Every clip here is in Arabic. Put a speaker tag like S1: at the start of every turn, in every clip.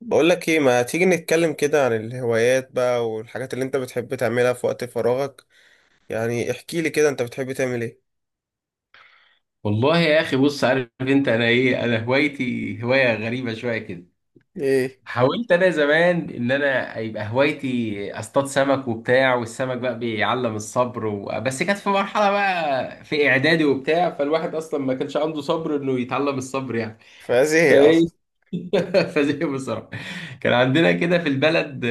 S1: بقول لك ايه، ما تيجي نتكلم كده عن الهوايات بقى والحاجات اللي انت بتحب تعملها في وقت فراغك؟ يعني احكي لي كده، انت بتحب تعمل ايه؟
S2: والله يا اخي، بص، عارف انت، انا ايه، انا هوايتي هوايه غريبه شويه كده.
S1: ايه؟
S2: حاولت انا زمان ان انا يبقى هوايتي اصطاد سمك وبتاع، والسمك بقى بيعلم الصبر بس كانت في مرحله بقى في اعدادي وبتاع، فالواحد اصلا ما كانش عنده صبر انه يتعلم الصبر يعني.
S1: فازاي؟ ايه
S2: فايه
S1: اصلا؟
S2: فزي بصراحه. كان عندنا كده في البلد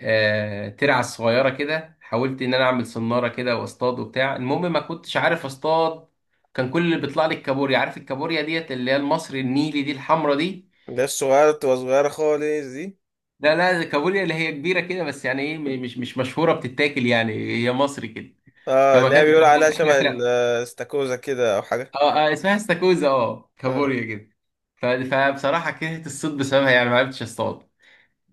S2: ترعة صغيرة كده، حاولت إن أنا أعمل صنارة كده وأصطاد وبتاع، المهم ما كنتش عارف أصطاد. كان كل اللي بيطلع لي الكابوريا، عارف الكابوريا ديت اللي هي المصري النيلي دي، الحمرا دي.
S1: ده الصغيرة بتبقى صغيرة خالص دي؟
S2: لا لا، الكابوريا اللي هي كبيرة كده، بس يعني إيه مش مشهورة بتتاكل يعني، هي مصري كده.
S1: اه،
S2: فما
S1: اللي هي
S2: كانت
S1: بيقول عليها
S2: إحنا
S1: شبه
S2: في
S1: الاستاكوزا كده او حاجة.
S2: اسمها استاكوزا، آه
S1: اه.
S2: كابوريا كده. ف- فبصراحة كرهت الصيد بسببها، يعني ما عرفتش أصطاد.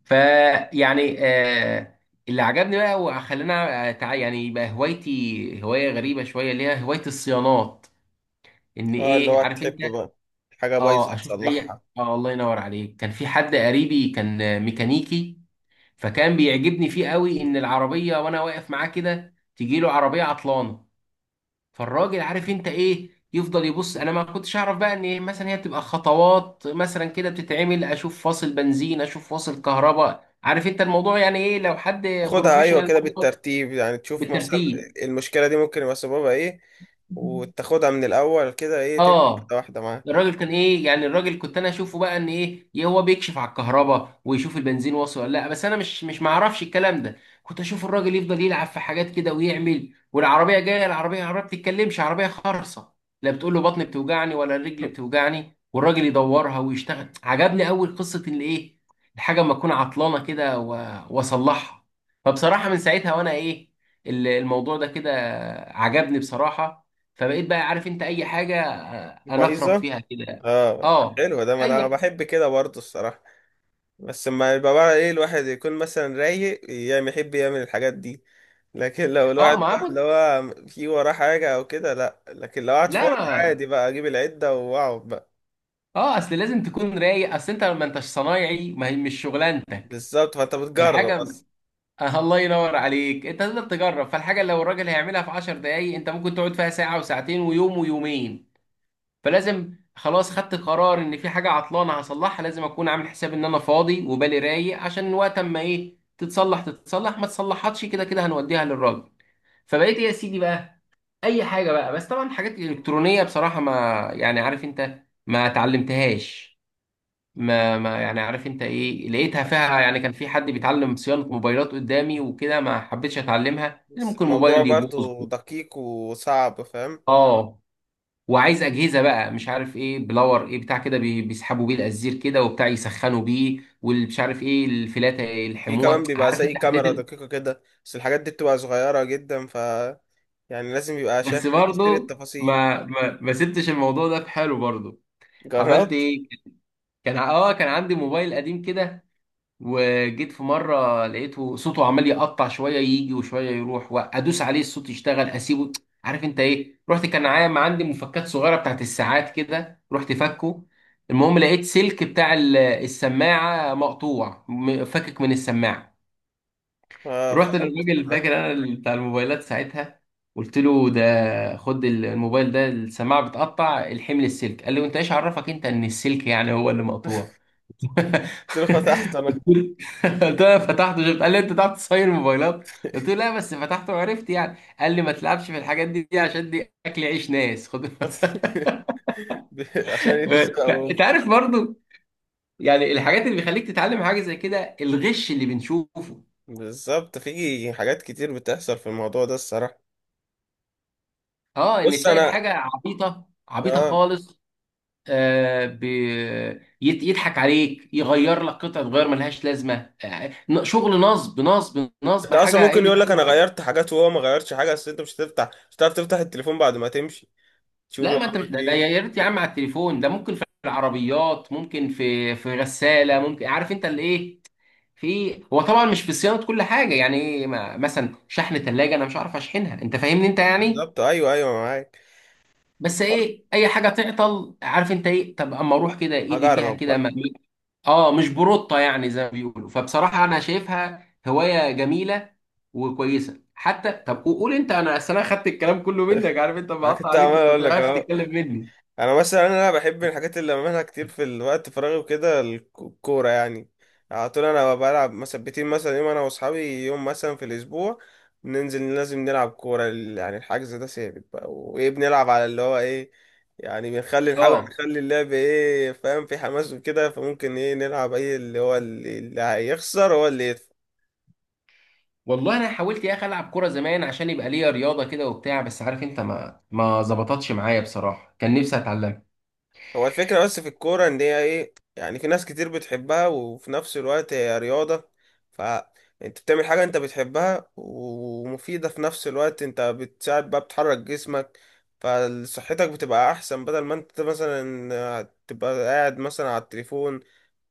S2: فيعني آه، اللي عجبني بقى وخلاني يعني يبقى هوايتي هوايه غريبه شويه، اللي هي هوايه الصيانات. ان
S1: اه، اللي
S2: ايه
S1: هو
S2: عارف انت،
S1: تحب بقى حاجة بايظة
S2: اه اشوف اي
S1: تصلحها.
S2: اه، الله ينور عليك. كان في حد قريبي كان ميكانيكي. فكان بيعجبني فيه قوي ان العربيه وانا واقف معاه كده تجي له عربيه عطلانه. فالراجل عارف انت ايه يفضل يبص، انا ما كنتش اعرف بقى ان إيه مثلا هي بتبقى خطوات مثلا كده بتتعمل، اشوف فاصل بنزين، اشوف فاصل كهرباء، عارف انت الموضوع يعني ايه لو حد
S1: تاخدها ايوه
S2: بروفيشنال،
S1: كده بالترتيب، يعني تشوف مثلا
S2: بالترتيب.
S1: المشكلة دي ممكن يبقى سببها ايه وتاخدها من الاول كده ايه تمشي واحدة
S2: اه
S1: واحدة معاها.
S2: الراجل كان ايه يعني، الراجل كنت انا اشوفه بقى ان ايه إيه هو بيكشف على الكهرباء ويشوف البنزين واصل ولا لا، بس انا مش معرفش الكلام ده. كنت اشوف الراجل يفضل يلعب في حاجات كده ويعمل، والعربيه جايه، العربيه عربيه بتتكلمش، عربيه خرصه. لا بتقول له بطني بتوجعني ولا الرجل بتوجعني، والراجل يدورها ويشتغل. عجبني اول قصه الايه، الحاجه اما اكون عطلانه كده واصلحها. فبصراحه من ساعتها وانا ايه الموضوع ده كده عجبني بصراحه. فبقيت بقى عارف انت اي حاجه انا اخرب
S1: بايظة.
S2: فيها كده.
S1: اه
S2: اه
S1: حلو، ده ما انا
S2: اي
S1: بحب كده برضه الصراحه. بس لما يبقى بقى ايه الواحد يكون مثلا رايق، يعني يحب يعمل الحاجات دي. لكن لو
S2: اه،
S1: الواحد
S2: ما
S1: بقى
S2: بص،
S1: اللي هو في وراه حاجه او كده، لا. لكن لو قعد
S2: لا
S1: فاضي
S2: ما،
S1: عادي بقى اجيب العده واقعد بقى.
S2: اه اصل لازم تكون رايق، اصل انت ما انتش صنايعي، ما هي مش شغلانتك
S1: بالظبط، فانت بتجرب
S2: الحاجه.
S1: اصلا.
S2: آه الله ينور عليك، انت تقدر تجرب، فالحاجه اللي لو الراجل هيعملها في 10 دقايق انت ممكن تقعد فيها ساعه وساعتين ويوم ويومين. فلازم خلاص خدت قرار ان في حاجه عطلانه هصلحها، لازم اكون عامل حساب ان انا فاضي وبالي رايق، عشان وقت اما ايه تتصلح تتصلح، ما تصلحتش كده كده هنوديها للراجل. فبقيت ايه يا سيدي بقى اي حاجه بقى، بس طبعا حاجات الكترونيه بصراحه ما يعني عارف انت ما اتعلمتهاش. ما يعني عارف انت ايه لقيتها فيها يعني، كان في حد بيتعلم صيانه موبايلات قدامي وكده، ما حبيتش اتعلمها لان
S1: بس
S2: ممكن
S1: الموضوع
S2: الموبايل يبوظ.
S1: برضه دقيق وصعب، فاهم؟
S2: اه وعايز اجهزه بقى، مش عارف ايه بلور، ايه بتاع كده بيسحبوا بيه الازير كده وبتاع، يسخنوا بيه، واللي مش عارف ايه الفلاته
S1: في
S2: يلحموها،
S1: كمان بيبقى
S2: عارف
S1: زي
S2: انت. حليت
S1: كاميرا دقيقه كده، بس الحاجات دي بتبقى صغيره جدا ف يعني لازم يبقى شايف
S2: بس
S1: تفاصيل
S2: برضه
S1: التفاصيل.
S2: ما سبتش الموضوع ده في حاله برضه. عملت
S1: جربت؟
S2: ايه، كان اه كان عندي موبايل قديم كده، وجيت في مره لقيته صوته عمال يقطع، شويه يجي وشويه يروح، وادوس عليه الصوت يشتغل اسيبه. عارف انت ايه، رحت، كان عام عندي مفكات صغيره بتاعت الساعات كده، رحت فكه. المهم لقيت سلك بتاع السماعه مقطوع، فكك من السماعه.
S1: اه
S2: رحت
S1: فقمت
S2: للراجل
S1: رحت
S2: فاكر انا بتاع الموبايلات ساعتها. قلت له ده خد الموبايل ده السماعه بتقطع، الحمل السلك. قال لي وانت ايش عرفك انت ان السلك يعني هو اللي مقطوع؟
S1: له. فتحت انا.
S2: قلت له انا فتحته شفت. قال لي انت تعرف تصين موبايلات؟ قلت له لا بس فتحته وعرفت يعني. قال لي ما تلعبش في الحاجات دي عشان دي اكل عيش ناس، خد
S1: عشان يرزقهم.
S2: انت عارف برضو يعني الحاجات اللي بيخليك تتعلم حاجه زي كده، الغش اللي بنشوفه.
S1: بالظبط، في حاجات كتير بتحصل في الموضوع ده الصراحة.
S2: اه ان
S1: بص
S2: تلاقي
S1: انا
S2: الحاجه عبيطه عبيطه
S1: اه،
S2: خالص، آه ب... يضحك عليك، يغير لك قطعه غير ملهاش لازمه. شغل نصب نصب نصب،
S1: انت اصلا
S2: حاجه
S1: ممكن
S2: قله.
S1: يقول لك انا غيرت حاجات وهو ما غيرش حاجة، بس انت مش هتفتح، مش هتعرف تفتح التليفون بعد ما تمشي
S2: لا
S1: تشوفه
S2: ما انت
S1: عمل فيه
S2: ده
S1: إيه.
S2: يا ريت يا عم على التليفون ده، ممكن في العربيات، ممكن في غساله، ممكن عارف انت الايه. في هو طبعا مش في صيانه كل حاجه يعني ايه، مثلا شحن ثلاجه انا مش عارف اشحنها، انت فاهمني انت يعني.
S1: بالظبط، ايوه ايوه معاك.
S2: بس ايه اي حاجه تعطل عارف انت ايه، طب اما اروح كده ايدي فيها
S1: هجرب
S2: كده
S1: بقى.
S2: اه مش بروطه يعني زي ما بيقولوا. فبصراحه انا شايفها هوايه جميله وكويسه حتى. طب قول انت، انا اصل انا خدت الكلام كله منك، عارف انت،
S1: انا
S2: بقطع
S1: كنت
S2: عليك،
S1: عمال
S2: كنت
S1: اقول لك
S2: عارف
S1: اهو،
S2: تتكلم مني.
S1: انا مثلا انا بحب الحاجات اللي بعملها كتير في الوقت فراغي وكده الكوره يعني. على طول انا بلعب مثبتين، مثلا يوم انا واصحابي، يوم مثلا في الاسبوع بننزل لازم نلعب كوره يعني الحجز ده ثابت بقى. وايه، بنلعب على اللي هو ايه، يعني بنخلي نحاول
S2: اه
S1: نخلي اللعب ايه، فاهم؟ في حماس وكده، فممكن ايه نلعب اي اللي هو اللي هيخسر هو اللي يدفع.
S2: والله انا حاولت يا اخي العب كوره زمان عشان يبقى ليا رياضه كده وبتاع، بس عارف انت ما ظبطتش معايا بصراحه، كان نفسي اتعلمها.
S1: هو الفكرة بس في الكورة ان هي ايه، يعني في ناس كتير بتحبها وفي نفس الوقت هي رياضة. فانت بتعمل حاجة انت بتحبها ومفيدة في نفس الوقت، انت بتساعد بقى، بتحرك جسمك، فصحتك بتبقى احسن، بدل ما انت مثلا تبقى قاعد مثلا على التليفون،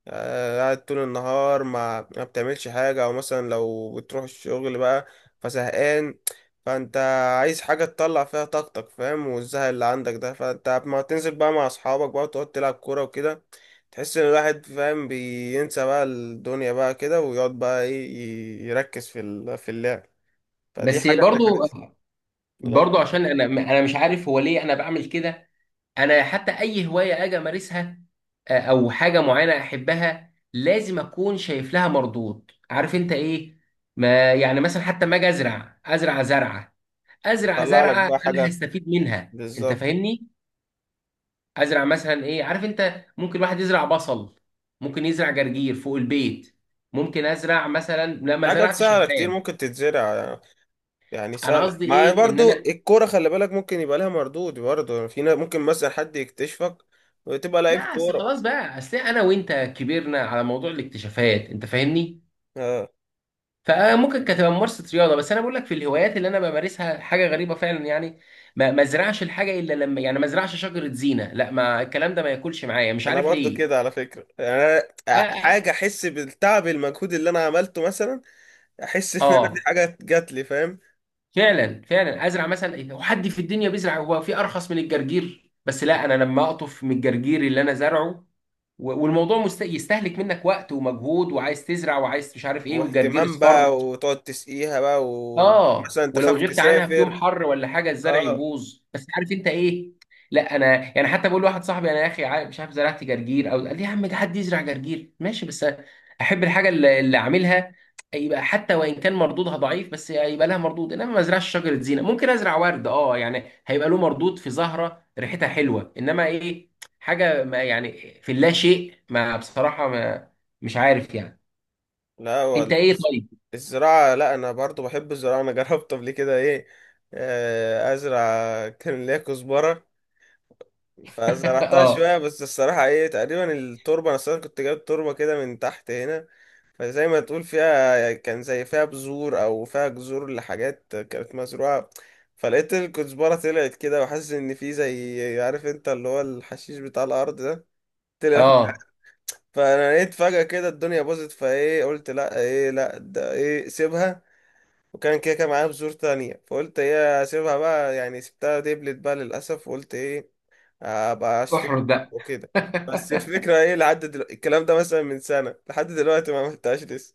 S1: آه، قاعد طول النهار ما بتعملش حاجة. أو مثلا لو بتروح الشغل بقى فزهقان، فأنت عايز حاجة تطلع فيها طاقتك، فاهم؟ والزهق اللي عندك ده، فأنت ما تنزل بقى مع أصحابك بقى وتقعد تلعب كورة وكده. تحس إن الواحد، فاهم، بينسى بقى الدنيا بقى كده ويقعد بقى إيه، يركز في في اللعب. فدي
S2: بس
S1: حاجة من
S2: برضو
S1: الحاجات اللي
S2: برضو عشان انا مش عارف هو ليه انا بعمل كده. انا حتى اي هوايه اجي امارسها او حاجه معينه احبها، لازم اكون شايف لها مردود، عارف انت ايه. ما يعني مثلا حتى ما اجي ازرع، ازرع زرعه، ازرع
S1: بتطلع لك
S2: زرعه
S1: بقى
S2: انا
S1: حاجة.
S2: هستفيد منها، انت
S1: بالظبط،
S2: فاهمني. ازرع مثلا ايه، عارف انت ممكن واحد يزرع بصل، ممكن يزرع جرجير فوق البيت، ممكن ازرع مثلا، لا
S1: في
S2: ما
S1: حاجات
S2: زرعتش
S1: سهلة كتير
S2: ريحان.
S1: ممكن تتزرع يعني. يعني
S2: انا
S1: سهلة،
S2: قصدي
S1: ما
S2: ايه ان
S1: برضو
S2: انا
S1: الكورة خلي بالك ممكن يبقى لها مردود برضو، يعني في ناس ممكن مثلا حد يكتشفك وتبقى
S2: لا
S1: لعيب
S2: اصل
S1: كورة.
S2: خلاص بقى، اصل انا وانت كبرنا على موضوع الاكتشافات، انت فاهمني.
S1: اه،
S2: فممكن كانت تبقى ممارسه رياضه، بس انا بقول لك في الهوايات اللي انا بمارسها حاجه غريبه فعلا يعني. ما ازرعش الحاجه الا لما يعني ما ازرعش شجره زينه، لا ما الكلام ده ما ياكلش معايا، مش
S1: انا
S2: عارف
S1: برضو
S2: ليه.
S1: كده على فكرة يعني. أنا
S2: اه،
S1: حاجة احس بالتعب، المجهود اللي انا عملته مثلا، احس ان انا دي
S2: آه.
S1: حاجة جات لي، فاهم؟
S2: فعلا فعلا ازرع مثلا إيه، هو حد في الدنيا بيزرع، هو في ارخص من الجرجير؟ بس لا، انا لما اقطف من الجرجير اللي انا زرعه، والموضوع يستهلك منك وقت ومجهود، وعايز تزرع وعايز مش عارف ايه، والجرجير
S1: واهتمام
S2: اصفر.
S1: بقى، وتقعد تسقيها بقى،
S2: اه،
S1: ومثلا
S2: ولو
S1: تخاف
S2: غبت عنها في يوم
S1: تسافر.
S2: حر ولا حاجه الزرع
S1: اه.
S2: يبوظ، بس عارف انت ايه. لا انا يعني حتى بقول لواحد صاحبي، انا يا اخي مش عارف زرعت جرجير. او قال لي يا عم ده حد يزرع جرجير؟ ماشي، بس احب الحاجه اللي اللي اعملها، يبقى حتى وان كان مردودها ضعيف بس يبقى لها مردود. انما ما ازرعش شجره زينه، ممكن ازرع ورد اه، يعني هيبقى له مردود في زهره ريحتها حلوه، انما ايه حاجه ما يعني في اللا شيء، ما بصراحه ما، مش عارف يعني.
S1: لا
S2: انت ايه طيب؟
S1: الزراعة، لا أنا برضو بحب الزراعة. أنا جربت قبل كده إيه، آه، أزرع. كان ليا كزبرة، فزرعتها
S2: اه
S1: شوية. بس الصراحة ايه، تقريبا التربة، أنا أصلا كنت جايب تربة كده من تحت هنا، فزي ما تقول فيها، كان زي فيها بذور أو فيها جذور لحاجات كانت مزروعة. فلقيت الكزبرة طلعت كده، وحاسس إن في زي عارف أنت اللي هو الحشيش بتاع الأرض ده، طلع.
S2: اه
S1: فأنا لقيت فجأة كده الدنيا باظت، فايه قلت لأ، ايه لأ ده، ايه سيبها. وكان كده، كان معايا بذور تانية، فقلت ايه سيبها بقى، يعني سبتها دبلت بقى للأسف، وقلت ايه، ابقى اشتري
S2: احرد بقى.
S1: وكده. بس الفكره ايه، لحد الكلام ده مثلا من سنه لحد دلوقتي ما عملتهاش لسه.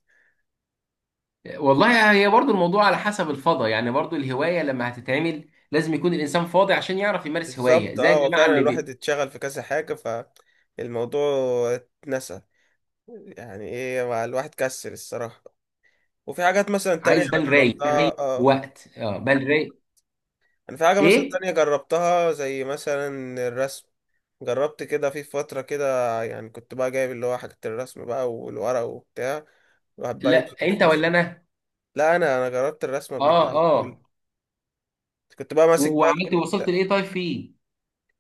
S2: والله هي برضو الموضوع على حسب الفضا يعني، برضو الهواية لما هتتعمل لازم يكون الإنسان فاضي عشان يعرف يمارس هواية
S1: بالظبط،
S2: زي
S1: اه، هو
S2: الجماعة
S1: فعلا
S2: اللي
S1: الواحد
S2: بي...
S1: اتشغل في كذا حاجه، فالموضوع اتنسى. يعني ايه، مع الواحد كسر الصراحه. وفي حاجات مثلا تانية
S2: عايز
S1: انا
S2: بال رايق، رايق
S1: جربتها اه.
S2: وقت، اه بال رايق.
S1: انا في حاجه مثلا
S2: إيه؟
S1: تانية جربتها، زي مثلا الرسم. جربت كده في فتره كده، يعني كنت بقى جايب اللي هو حاجه الرسم بقى والورق وبتاع، الواحد بقى
S2: لا،
S1: يمسك
S2: أنت ولا
S1: الفرشه.
S2: أنا؟
S1: لا انا جربت الرسم قبل كده.
S2: أه، أه،
S1: كنت بقى ماسك بقى
S2: وعملت وصلت لإيه طيب فيه؟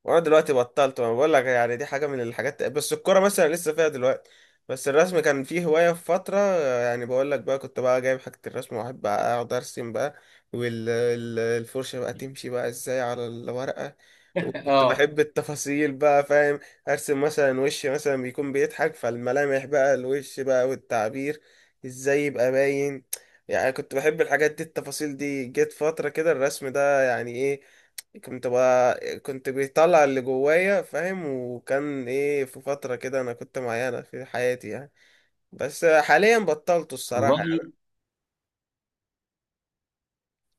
S1: وانا دلوقتي بطلت، ما بقول لك يعني دي حاجه من الحاجات. بس الكوره مثلا لسه فيها دلوقتي. بس الرسم كان فيه هوايه في فتره. يعني بقول لك بقى، كنت بقى جايب حاجه الرسم، واحب بقى اقعد ارسم بقى، والفرشه بقى تمشي بقى ازاي على الورقه. وكنت
S2: أه،
S1: بحب التفاصيل بقى، فاهم؟ ارسم مثلا وش مثلا بيكون بيضحك، فالملامح بقى، الوش بقى، والتعبير ازاي يبقى باين. يعني كنت بحب الحاجات دي، التفاصيل دي. جت فترة كده الرسم ده يعني ايه، كنت بقى، كنت بيطلع اللي جوايا، فاهم؟ وكان ايه، في فترة كده انا كنت معينة في حياتي يعني. بس حاليا بطلته الصراحة
S2: والله
S1: يعني.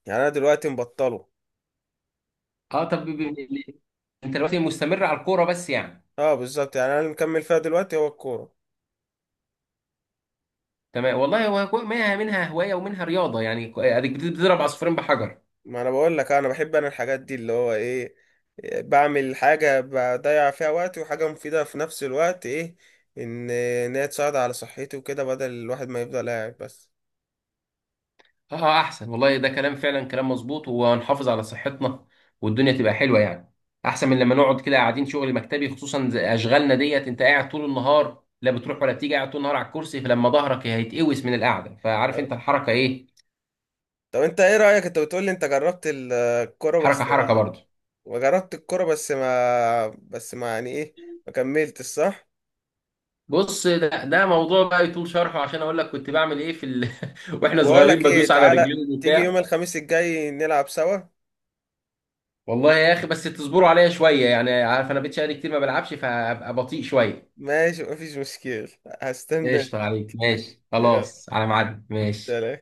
S1: يعني انا دلوقتي مبطله.
S2: أه. طب أنت دلوقتي مستمر على الكورة بس يعني؟
S1: اه بالظبط، يعني انا اللي مكمل فيها دلوقتي هو الكورة.
S2: تمام والله، هو منها منها هواية ومنها رياضة يعني، ك- أديك بتضرب عصفورين بحجر.
S1: ما انا بقول لك آه، انا بحب انا الحاجات دي اللي هو ايه، بعمل حاجة بضيع فيها وقتي وحاجة مفيدة في نفس الوقت، ايه، ان هي تساعد على صحتي وكده، بدل الواحد ما يفضل قاعد بس.
S2: اه احسن والله، ده كلام فعلا كلام مظبوط، وهنحافظ على صحتنا، والدنيا تبقى حلوه يعني. احسن من لما نقعد كده قاعدين شغل مكتبي خصوصا زي اشغالنا ديت، انت قاعد طول النهار لا بتروح ولا بتيجي، قاعد طول النهار على الكرسي، فلما ظهرك هيتقوس من القعده، فعارف انت الحركه ايه،
S1: طب انت ايه رأيك؟ انت بتقول لي انت جربت الكورة
S2: حركه
S1: بس،
S2: حركه برضه.
S1: وجربت الكرة بس ما، بس ما يعني ايه، ما كملتش، صح؟
S2: بص، ده موضوع بقى يطول شرحه عشان اقول لك كنت بعمل ايه في ال... واحنا
S1: طب اقول
S2: صغيرين
S1: لك
S2: بدوس
S1: ايه،
S2: على
S1: تعالى
S2: رجلين
S1: تيجي يوم
S2: وبتاع.
S1: الخميس الجاي نلعب سوا.
S2: والله يا اخي بس تصبروا عليا شويه يعني، عارف انا بقيت شقالي كتير ما بلعبش، فابقى بطيء شويه.
S1: ماشي مفيش مشكلة، هستنى.
S2: قشطة عليك، ماشي
S1: يلا،
S2: خلاص، على ميعاد، ماشي.
S1: سلام.